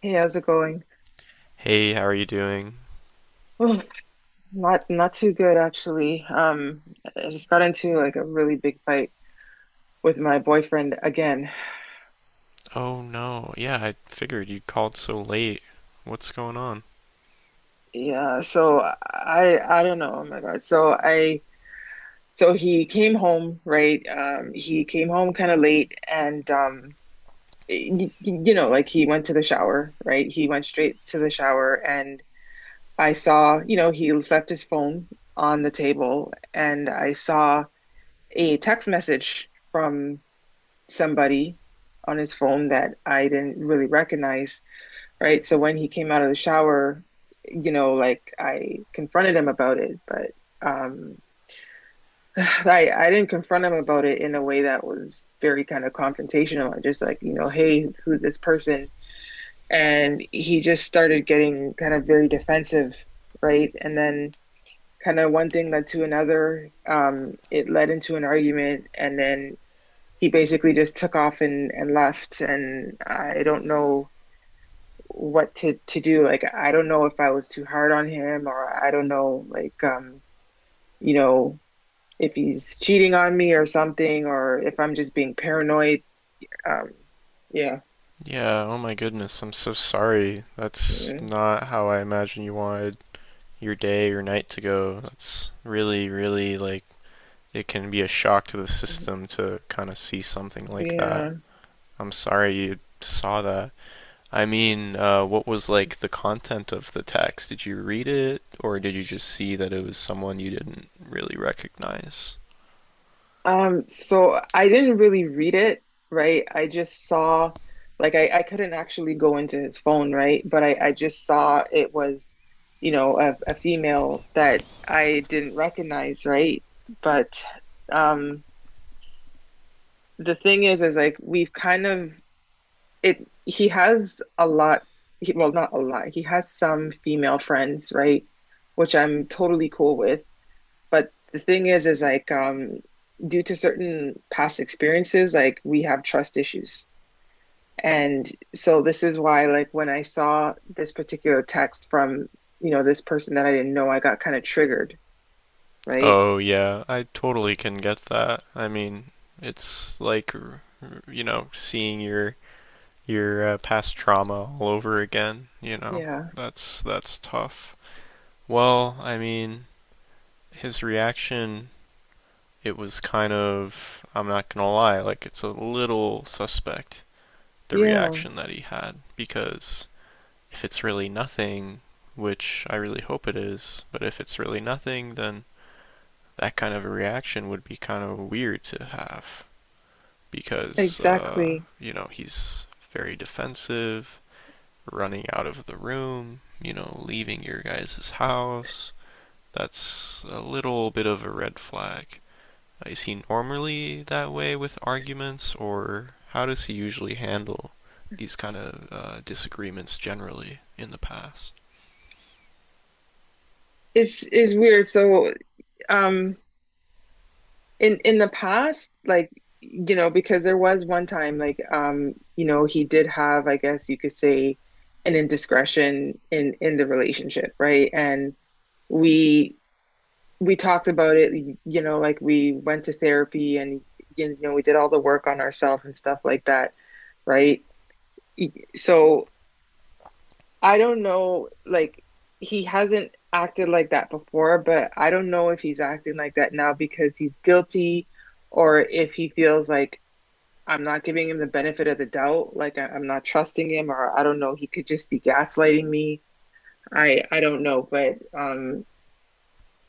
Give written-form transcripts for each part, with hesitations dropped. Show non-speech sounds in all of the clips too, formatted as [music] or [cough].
Hey, how's it going? Hey, how are you doing? Oh, not too good actually. I just got into like a really big fight with my boyfriend again. Oh no, yeah, I figured you called so late. What's going on? Yeah, so I don't know. Oh my God. So I, so he came home, right? He came home kind of late and you know, like he went to the shower, right? He went straight to the shower and I saw, you know, he left his phone on the table and I saw a text message from somebody on his phone that I didn't really recognize, right? So when he came out of the shower, you know, like I confronted him about it, but um [sighs] I didn't confront him about it in a way that was very kind of confrontational. I just like, you know, hey, who's this person? And he just started getting kind of very defensive, right? And then kind of one thing led to another. It led into an argument, and then he basically just took off and, left and I don't know what to do. Like I don't know if I was too hard on him, or I don't know, like you know, if he's cheating on me or something, or if I'm just being paranoid. Um, yeah. Yeah, oh my goodness, I'm so sorry. That's Yeah. not how I imagined you wanted your day or night to go. That's really, really like it can be a shock to the system to kind of see something like that. Yeah. I'm sorry you saw that. I mean, what was like the content of the text? Did you read it, or did you just see that it was someone you didn't really recognize? So I didn't really read it, right? I just saw, like, I couldn't actually go into his phone, right? But I just saw it was, you know, a female that I didn't recognize, right? But um, the thing is like we've kind of, it. He has a lot. He, well, not a lot. He has some female friends, right? Which I'm totally cool with. But the thing is like, due to certain past experiences, like we have trust issues. And so this is why, like when I saw this particular text from, you know, this person that I didn't know, I got kind of triggered, right? Oh yeah, I totally can get that. I mean, it's like seeing your past trauma all over again. Yeah. That's tough. Well, I mean, his reaction it was kind of I'm not going to lie, like it's a little suspect the Yeah, reaction that he had because if it's really nothing, which I really hope it is, but if it's really nothing, then that kind of a reaction would be kind of weird to have. Because exactly. you know he's very defensive, running out of the room, you know, leaving your guys' house. That's a little bit of a red flag. Is he normally that way with arguments, or how does he usually handle these kind of disagreements generally in the past? It's weird. So um in the past, like, you know, because there was one time, like, you know, he did have, I guess you could say, an indiscretion in the relationship, right? And we we talked about it, you know, like we went to therapy, and you know, we did all the work on ourselves and stuff like that, right? So I don't know, like he hasn't acted like that before, but I don't know if he's acting like that now because he's guilty, or if he feels like I'm not giving him the benefit of the doubt, like I'm not trusting him, or I don't know, he could just be gaslighting me. I don't know, but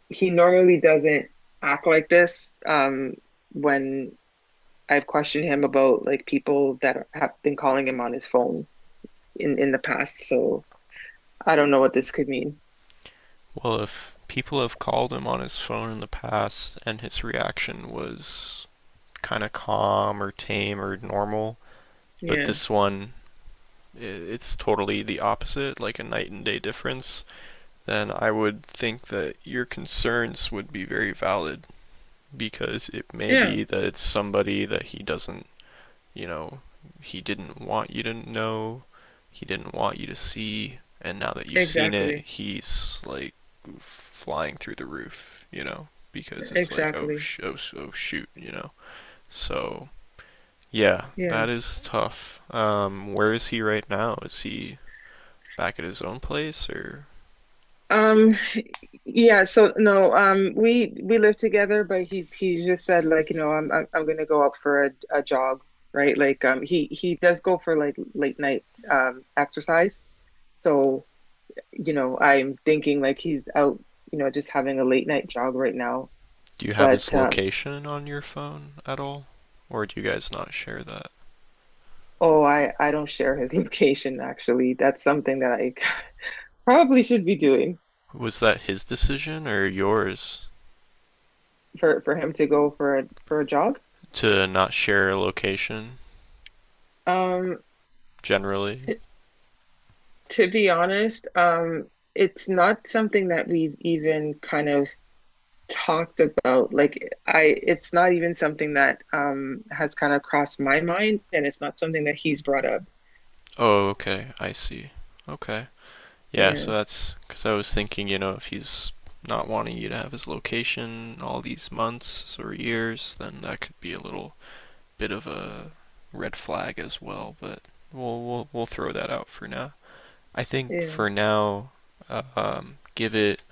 he normally doesn't act like this, when I've questioned him about like people that have been calling him on his phone in the past, so I don't know what this could mean. Well, if people have called him on his phone in the past and his reaction was kind of calm or tame or normal, but Yeah. this one it's totally the opposite, like a night and day difference, then I would think that your concerns would be very valid because it may Yeah. be that it's somebody that he doesn't, you know, he didn't want you to know, he didn't want you to see, and now that you've seen it, Exactly. he's like flying through the roof, you know, because it's like, oh, Exactly. Oh, oh shoot. So, yeah, Yeah. that is tough. Where is he right now? Is he back at his own place, or Um, yeah, so no, we live together, but he just said like, you know, I'm gonna go out for a jog, right? Like he does go for like late night exercise. So, you know, I'm thinking like he's out, you know, just having a late night jog right now. do you have his But location on your phone at all? Or do you guys not share that? oh, I don't share his [laughs] location actually. That's something that I [laughs] probably should be doing Was that his decision or yours for him to go for a, for a jog. to not share a location Um generally? To be honest, it's not something that we've even kind of talked about. Like I, it's not even something that has kind of crossed my mind, and it's not something that he's brought up. Oh, okay, I see. Okay. Yeah, Yeah, so that's because I was thinking, you know, if he's not wanting you to have his location all these months or years, then that could be a little bit of a red flag as well, but we'll throw that out for now. I think yeah, for now, give it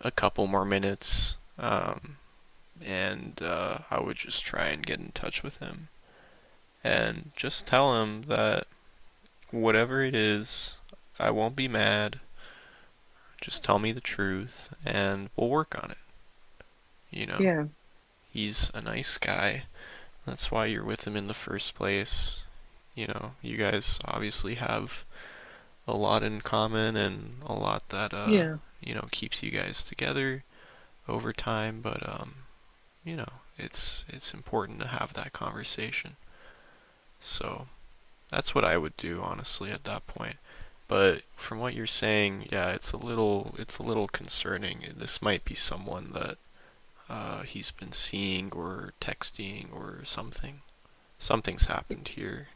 a couple more minutes, and I would just try and get in touch with him and just tell him that whatever it is, I won't be mad. Just tell me the truth, and we'll work on it. You know, yeah, he's a nice guy. That's why you're with him in the first place. You know, you guys obviously have a lot in common and a lot that yeah. you know keeps you guys together over time, but you know, it's important to have that conversation. So that's what I would do honestly at that point. But from what you're saying, yeah, it's a little concerning. This might be someone that he's been seeing or texting or something. Something's happened here.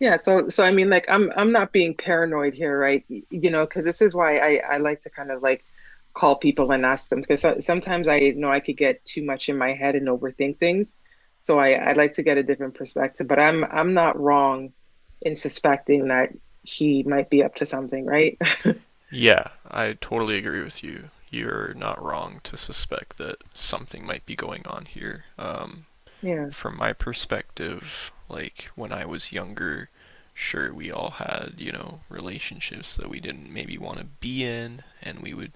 Yeah, so so I mean, like I'm not being paranoid here, right? You know, because this is why I like to kind of like call people and ask them, because so, sometimes I know I could get too much in my head and overthink things. So I like to get a different perspective, but I'm not wrong in suspecting that he might be up to something, right? [laughs] Yeah, I totally agree with you. You're not wrong to suspect that something might be going on here. Yeah. From my perspective, like when I was younger, sure we all had, you know, relationships that we didn't maybe want to be in and we would,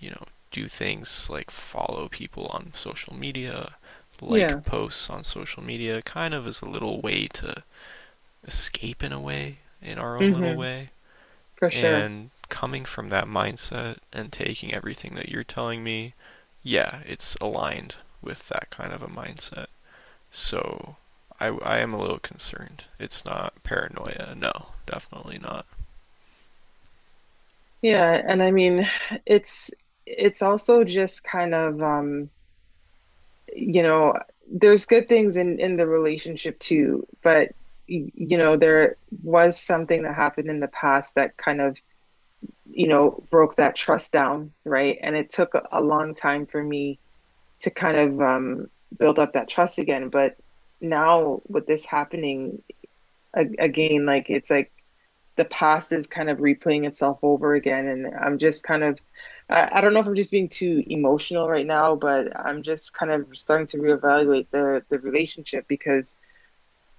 you know, do things like follow people on social media, Yeah. like posts on social media kind of as a little way to escape in a way, in our own little Hmm. way. For sure. And coming from that mindset and taking everything that you're telling me, yeah, it's aligned with that kind of a mindset. So I am a little concerned. It's not paranoia. No, definitely not. Yeah, and I mean it's it's also just kind of you know, there's good things in the relationship too, but you know, there was something that happened in the past that kind of, you know, broke that trust down, right? And it took a long time for me to kind of build up that trust again, but now with this happening again, like it's like the past is kind of replaying itself over again. And I'm just kind of, I don't know if I'm just being too emotional right now, but I'm just kind of starting to reevaluate the relationship, because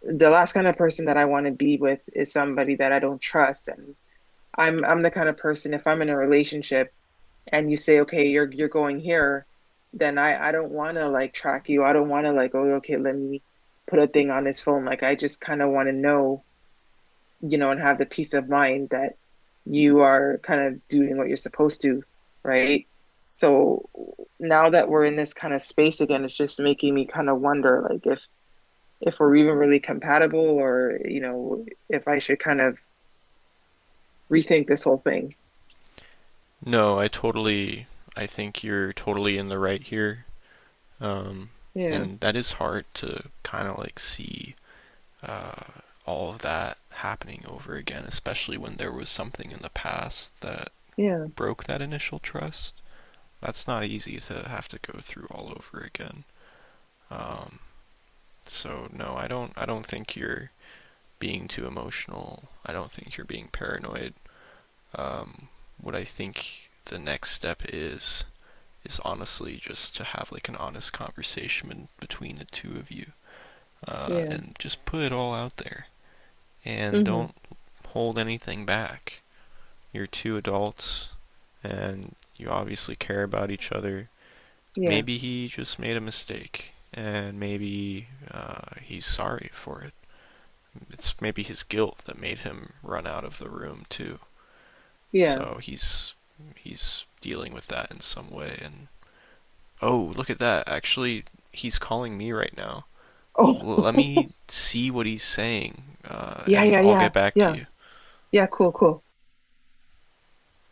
the last kind of person that I want to be with is somebody that I don't trust. And I'm the kind of person, if I'm in a relationship and you say, okay, you're going here, then I don't want to like track you. I don't want to like, oh, okay, let me put a thing on his phone. Like I just kind of want to know, you know, and have the peace of mind that you are kind of doing what you're supposed to, right? So now that we're in this kind of space again, it's just making me kind of wonder like if we're even really compatible, or, you know, if I should kind of rethink this whole thing. No, I totally. I think you're totally in the right here. Um, Yeah. and that is hard to kind of like see uh, all of that happening over again, especially when there was something in the past that Yeah. broke that initial trust. That's not easy to have to go through all over again. Um, so no, I don't. I don't think you're being too emotional. I don't think you're being paranoid. um, what I think the next step is honestly just to have like an honest conversation between the two of you Yeah. and just put it all out there and Hmm. don't hold anything back. You're two adults and you obviously care about each other. Yeah. Maybe he just made a mistake and maybe he's sorry for it. It's maybe his guilt that made him run out of the room too. Yeah. So he's dealing with that in some way. And oh, look at that! Actually, he's calling me right now. Oh. Let me [laughs] see what he's saying, Yeah, and yeah, I'll yeah. get back to Yeah. you. Yeah, cool, cool.